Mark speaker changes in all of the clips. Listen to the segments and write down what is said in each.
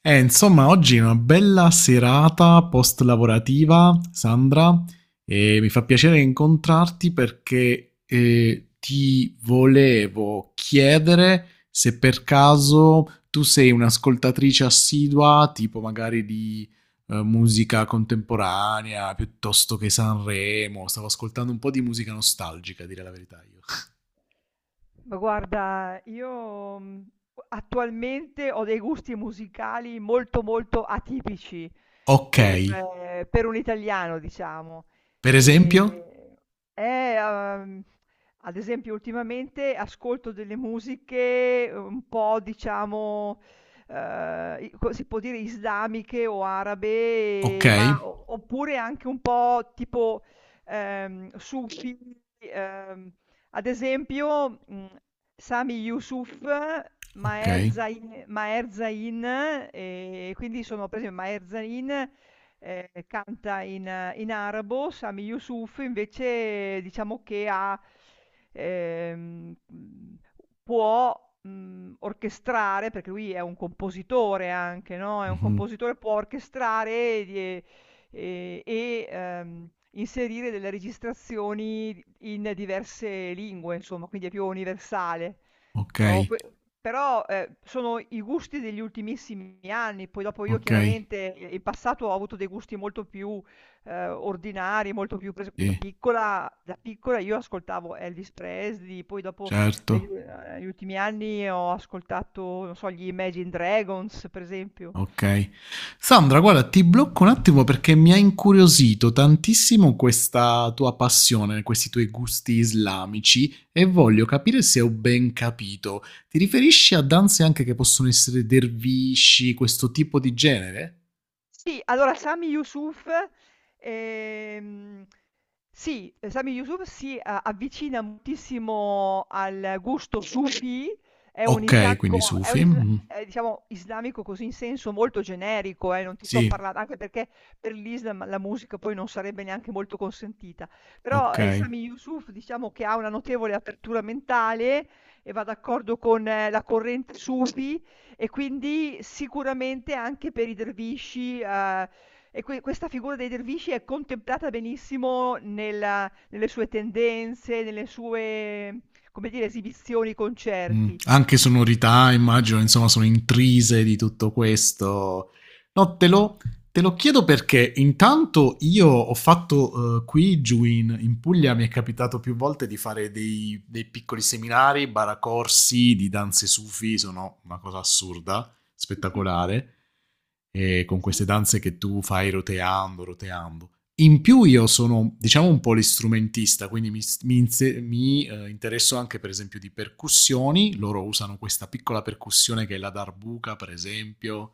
Speaker 1: Insomma, oggi è una bella serata post-lavorativa, Sandra, e mi fa piacere incontrarti perché ti volevo chiedere se per caso tu sei un'ascoltatrice assidua, tipo magari di musica contemporanea, piuttosto che Sanremo. Stavo ascoltando un po' di musica nostalgica, a dire la verità io.
Speaker 2: Ma guarda, io, attualmente ho dei gusti musicali molto, molto atipici
Speaker 1: Ok,
Speaker 2: per per un italiano, diciamo.
Speaker 1: per
Speaker 2: Ehm,
Speaker 1: esempio?
Speaker 2: eh, uhm, ad esempio ultimamente ascolto delle musiche un po' diciamo, i co si può dire islamiche o
Speaker 1: Ok,
Speaker 2: arabe, ma o oppure anche un po' tipo, sufi, uhm ad esempio, Sami Yusuf,
Speaker 1: ok,
Speaker 2: Maher Zain, quindi sono per esempio Maher Zain, canta in arabo. Sami Yusuf invece diciamo che ha ehm, mhmm, può, orchestrare, perché lui è un compositore anche, no, è un
Speaker 1: mhm,
Speaker 2: compositore, può orchestrare di e, inserire delle registrazioni in diverse lingue, insomma, quindi è più universale.
Speaker 1: ok,
Speaker 2: Però, que- però, sono i gusti degli ultimissimi anni, poi dopo io
Speaker 1: ok.
Speaker 2: chiaramente in passato ho avuto dei gusti molto più ordinari,
Speaker 1: Sì,
Speaker 2: da piccola io ascoltavo Elvis Presley, poi dopo
Speaker 1: certo.
Speaker 2: negli ultimi anni ho ascoltato, non so, gli Imagine Dragons, per esempio.
Speaker 1: Ok. Sandra, guarda, ti blocco un attimo perché mi ha incuriosito tantissimo questa tua passione, questi tuoi gusti islamici e voglio capire se ho ben capito. Ti riferisci a danze anche che possono essere dervisci, questo tipo di genere?
Speaker 2: Sì, allora Sami Yusuf, ehm, sì, Sami Yusuf avvicina moltissimo al gusto sufi, è un
Speaker 1: Ok, quindi
Speaker 2: islamico,
Speaker 1: sufi. Mhm.
Speaker 2: è, diciamo, islamico così in senso molto generico, non ti sto
Speaker 1: Sì,
Speaker 2: parlando, anche perché per l'Islam la musica poi non sarebbe neanche molto consentita, però
Speaker 1: ok.
Speaker 2: Sami Yusuf diciamo che ha una notevole apertura mentale e va d'accordo con la corrente sufi e quindi sicuramente anche per i dervisci, questa figura dei dervisci è contemplata benissimo nella nelle sue tendenze, nelle sue, come dire, esibizioni, concerti.
Speaker 1: Anche sonorità, immagino, insomma, sono intrise di tutto questo. No, te lo chiedo perché intanto io ho fatto qui giù in, Puglia, mi è capitato più volte di fare dei piccoli seminari, baracorsi di danze sufi, sono una cosa assurda,
Speaker 2: Sì, sì.
Speaker 1: spettacolare, e con
Speaker 2: Mh.
Speaker 1: queste danze che tu fai roteando, roteando. In
Speaker 2: Sì,
Speaker 1: più
Speaker 2: sì,
Speaker 1: io sono, diciamo, un polistrumentista, quindi mi interesso anche, per esempio, di percussioni. Loro usano questa piccola percussione che è la darbuca, per esempio,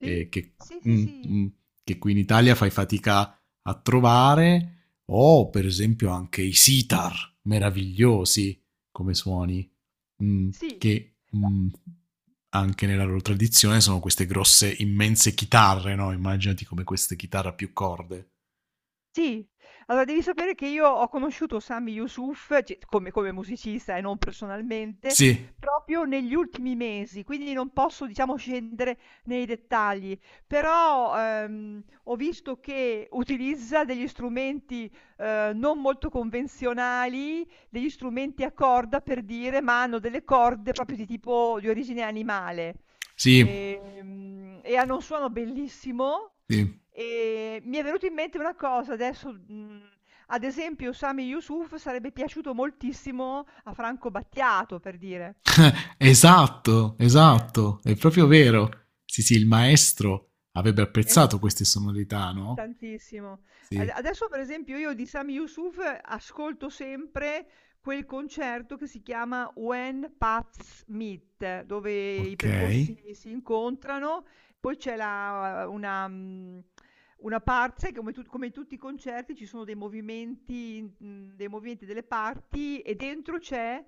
Speaker 2: sì.
Speaker 1: eh, che,
Speaker 2: Sì, sì,
Speaker 1: mm,
Speaker 2: sì.
Speaker 1: mm, che qui in Italia fai fatica a trovare, o per esempio anche i sitar, meravigliosi come suoni, mm,
Speaker 2: Sì.
Speaker 1: che anche nella loro tradizione sono queste grosse, immense chitarre, no? Immaginati come queste chitarre a più corde.
Speaker 2: Sì. Allora devi sapere che io ho conosciuto Sami Yusuf, c come come musicista e non personalmente,
Speaker 1: Sì,
Speaker 2: proprio negli ultimi mesi, quindi non posso diciamo scendere nei dettagli. Però, ho visto che utilizza degli strumenti, non molto convenzionali, degli strumenti a corda per dire, ma hanno delle corde proprio di tipo di origine animale.
Speaker 1: sì,
Speaker 2: E hanno un suono bellissimo.
Speaker 1: sì.
Speaker 2: Mi è venuto in mente una cosa adesso, ad esempio Sami Yusuf sarebbe piaciuto moltissimo a Franco Battiato, per dire.
Speaker 1: Esatto,
Speaker 2: Eh.
Speaker 1: esatto, è proprio vero. Sì, sì, il maestro avrebbe
Speaker 2: S
Speaker 1: apprezzato queste sonorità, no?
Speaker 2: Tantissimo. Ad
Speaker 1: Sì,
Speaker 2: adesso per esempio io di Sami Yusuf ascolto sempre quel concerto che si chiama When Paths Meet, dove i
Speaker 1: ok.
Speaker 2: percorsi si incontrano, poi c'è la una una parte come tu come in tutti i concerti ci sono dei movimenti, dei movimenti delle parti e dentro c'è,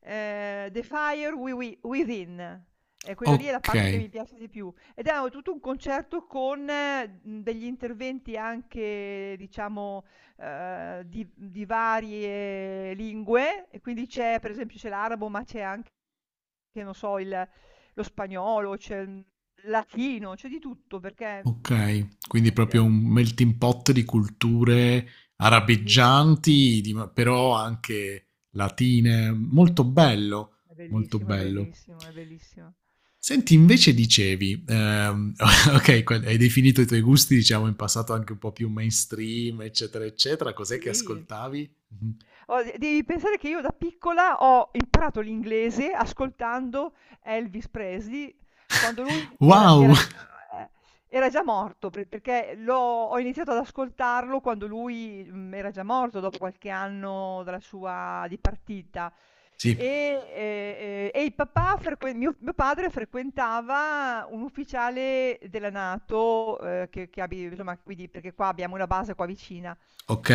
Speaker 2: The Fire Wi Wi Within. E quello lì è la
Speaker 1: Ok,
Speaker 2: parte che mi piace di più. Ed era tutto un concerto con, degli interventi anche diciamo, di varie lingue e quindi c'è per esempio, c'è l'arabo, ma c'è anche che non so il lo spagnolo, c'è il latino, c'è di tutto perché, mhmm,
Speaker 1: ok. Quindi proprio
Speaker 2: veramente,
Speaker 1: un melting pot di culture
Speaker 2: belliss
Speaker 1: arabeggianti, però anche latine. Molto bello,
Speaker 2: è
Speaker 1: molto
Speaker 2: bellissimo, è
Speaker 1: bello.
Speaker 2: bellissimo, è bellissimo.
Speaker 1: Senti, invece dicevi, okay, que hai definito i tuoi gusti, diciamo, in passato anche un po' più mainstream, eccetera, eccetera. Cos'è che
Speaker 2: Sì.
Speaker 1: ascoltavi? Mh-mh.
Speaker 2: Oh, de devi pensare che io da piccola ho imparato l'inglese ascoltando Elvis Presley quando lui era
Speaker 1: Wow!
Speaker 2: era già ehm, era già morto, pre perché l'ho ho iniziato ad ascoltarlo quando lui, era già morto dopo qualche anno dalla sua dipartita.
Speaker 1: Sì,
Speaker 2: E il papà frequen mio padre frequentava un ufficiale della NATO, che abi insomma, quindi perché qua abbiamo una base qua vicina.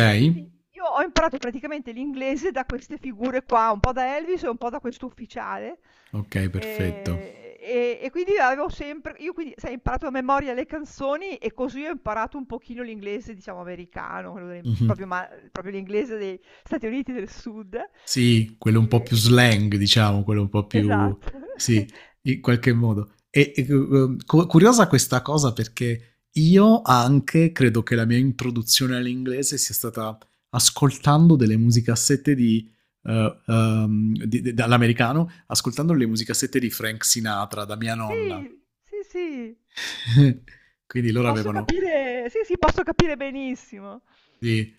Speaker 2: E quindi io ho imparato praticamente l'inglese da queste figure qua, un po' da Elvis e un po' da questo ufficiale.
Speaker 1: okay, perfetto.
Speaker 2: E quindi avevo sempre, io quindi, sai, ho imparato a memoria le canzoni e così ho imparato un pochino l'inglese, diciamo, americano,
Speaker 1: Mh-mh.
Speaker 2: proprio, proprio l'inglese dei Stati Uniti del Sud.
Speaker 1: Sì, quello un po' più slang, diciamo, quello un po' più.
Speaker 2: Esatto.
Speaker 1: Sì, in qualche modo. Curiosa questa cosa perché io anche credo che la mia introduzione all'inglese sia stata ascoltando delle musicassette di, dall'americano, ascoltando le musicassette di Frank Sinatra da mia nonna.
Speaker 2: Sì, sì, sì,
Speaker 1: Quindi loro
Speaker 2: posso
Speaker 1: avevano.
Speaker 2: capire, sì, sì, posso capire benissimo.
Speaker 1: Sì.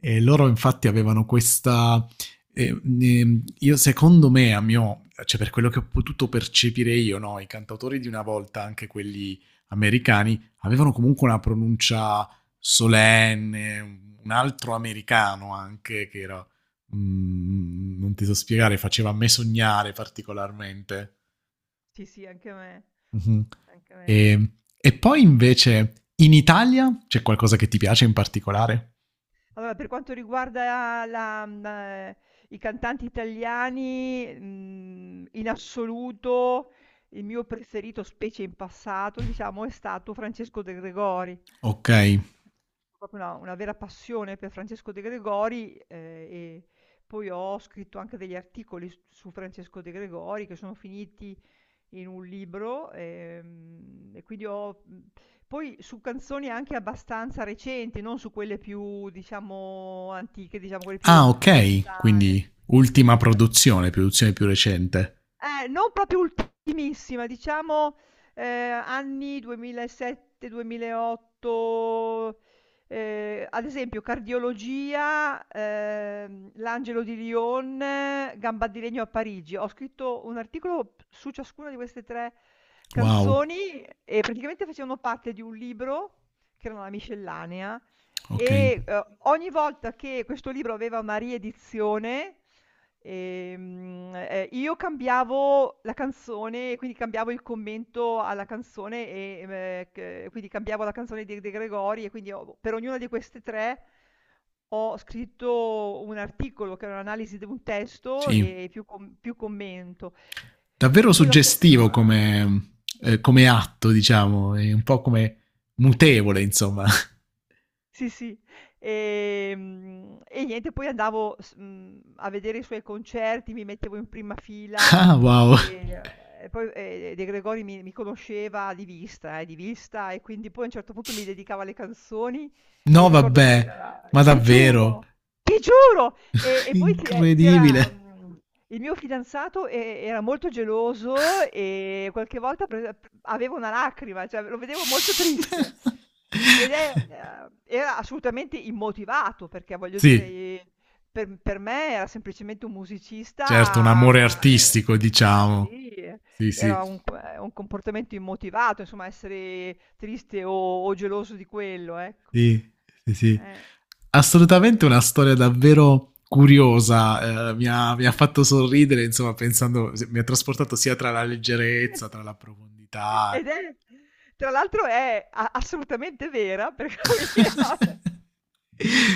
Speaker 1: E loro infatti avevano questa. Io secondo me, cioè per quello che ho potuto percepire io, no, i cantautori di una volta, anche quelli americani, avevano comunque una pronuncia solenne, un altro americano anche che era. Non ti so spiegare, faceva a me sognare particolarmente.
Speaker 2: Sì, sì, anche a me,
Speaker 1: Mhm.
Speaker 2: anche a me.
Speaker 1: E, e poi invece in Italia c'è qualcosa che ti piace in particolare?
Speaker 2: Allora, per quanto riguarda la i cantanti italiani, in assoluto il mio preferito, specie in passato, diciamo, è stato Francesco De Gregori.
Speaker 1: Ok.
Speaker 2: Proprio una vera passione per Francesco De Gregori, e poi ho scritto anche degli articoli s su Francesco De Gregori che sono finiti in un libro, e quindi ho poi su canzoni anche abbastanza recenti, non su quelle più, diciamo, antiche, diciamo quelle più lo
Speaker 1: Ah, ok,
Speaker 2: lontane.
Speaker 1: quindi ultima produzione, produzione più recente.
Speaker 2: Non proprio ultimissima, diciamo, anni 2007, 2008, ad esempio Cardiologia, l'Angelo di Lyon, Gamba di legno a Parigi. Ho scritto un articolo su ciascuna di queste 3
Speaker 1: Wow,
Speaker 2: canzoni e praticamente facevano parte di un libro che era una miscellanea
Speaker 1: ok.
Speaker 2: e, ogni volta che questo libro aveva una riedizione, io cambiavo la canzone, quindi cambiavo il commento alla canzone, c quindi cambiavo la canzone di De Gregori e quindi ho per ognuna di queste 3 ho scritto un articolo che era un'analisi di un testo
Speaker 1: Sì,
Speaker 2: più commento.
Speaker 1: davvero
Speaker 2: E poi dopo,
Speaker 1: suggestivo come, come atto, diciamo, è un po' come mutevole, insomma.
Speaker 2: sì, sì. E niente, poi andavo s a vedere i suoi concerti, mi mettevo in prima fila
Speaker 1: Ah, wow.
Speaker 2: e poi e De Gregori mi conosceva di vista, di vista, e quindi poi a un certo punto mi dedicava le canzoni e mi
Speaker 1: No,
Speaker 2: ricordo che
Speaker 1: vabbè,
Speaker 2: era
Speaker 1: ma
Speaker 2: ti
Speaker 1: davvero,
Speaker 2: giuro, ti giuro! Poi c'era,
Speaker 1: incredibile.
Speaker 2: il mio fidanzato e era molto geloso e qualche volta pre p aveva una lacrima, cioè lo vedevo molto triste. Ed è era assolutamente immotivato, perché voglio dire,
Speaker 1: Sì,
Speaker 2: per me era semplicemente un
Speaker 1: certo, un
Speaker 2: musicista.
Speaker 1: amore artistico,
Speaker 2: Ma
Speaker 1: diciamo.
Speaker 2: sì,
Speaker 1: Sì, sì.
Speaker 2: era un comportamento immotivato, insomma essere triste o geloso di quello, ecco.
Speaker 1: Sì, sì, sì.
Speaker 2: Eh.
Speaker 1: Assolutamente una storia davvero curiosa, mi ha fatto sorridere, insomma, pensando, mi ha trasportato sia tra la leggerezza, tra la profondità.
Speaker 2: Ed è tra l'altro è a assolutamente vera, per cui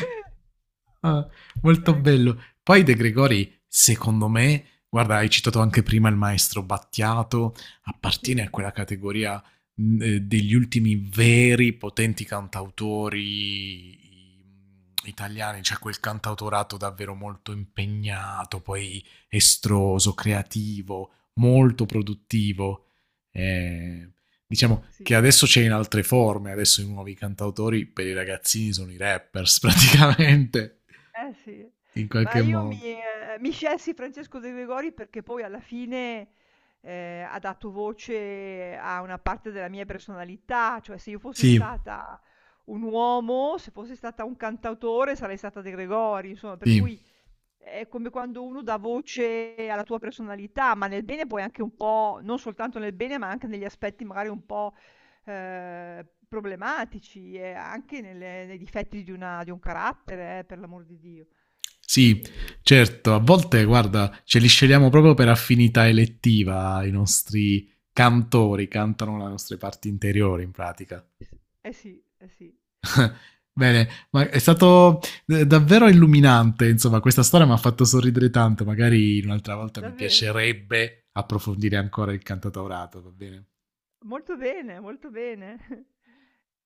Speaker 1: Ah, molto
Speaker 2: è
Speaker 1: bello.
Speaker 2: così.
Speaker 1: Poi De Gregori, secondo me, guarda, hai citato anche prima il maestro Battiato, appartiene
Speaker 2: Sì,
Speaker 1: a quella categoria degli ultimi veri potenti cantautori italiani, cioè quel cantautorato davvero molto impegnato, poi estroso, creativo, molto produttivo. Eh, Diciamo
Speaker 2: sì.
Speaker 1: che adesso c'è in altre forme, adesso i nuovi cantautori per i ragazzini sono i rappers praticamente,
Speaker 2: Sì.
Speaker 1: in
Speaker 2: Ma
Speaker 1: qualche
Speaker 2: io mi
Speaker 1: modo.
Speaker 2: mi scelsi Francesco De Gregori perché poi alla fine, ha dato voce a una parte della mia personalità, cioè se io fossi
Speaker 1: Sì,
Speaker 2: stata un uomo, se fossi stata un cantautore sarei stata De Gregori, insomma, per
Speaker 1: sì,
Speaker 2: cui è come quando uno dà voce alla tua personalità, ma nel bene poi anche un po' non soltanto nel bene, ma anche negli aspetti magari un po', problematici e anche nelle nei difetti di una di un carattere, per l'amor di Dio.
Speaker 1: sì,
Speaker 2: Ehm,
Speaker 1: certo, a volte guarda, ce li scegliamo proprio per affinità elettiva, i nostri cantori cantano le nostre parti interiori in pratica.
Speaker 2: s eh sì, eh sì.
Speaker 1: Bene, ma è stato davvero illuminante, insomma, questa storia mi ha fatto sorridere tanto, magari un'altra volta mi
Speaker 2: Davvero.
Speaker 1: piacerebbe approfondire ancora il cantautorato, va bene?
Speaker 2: Molto bene, molto bene.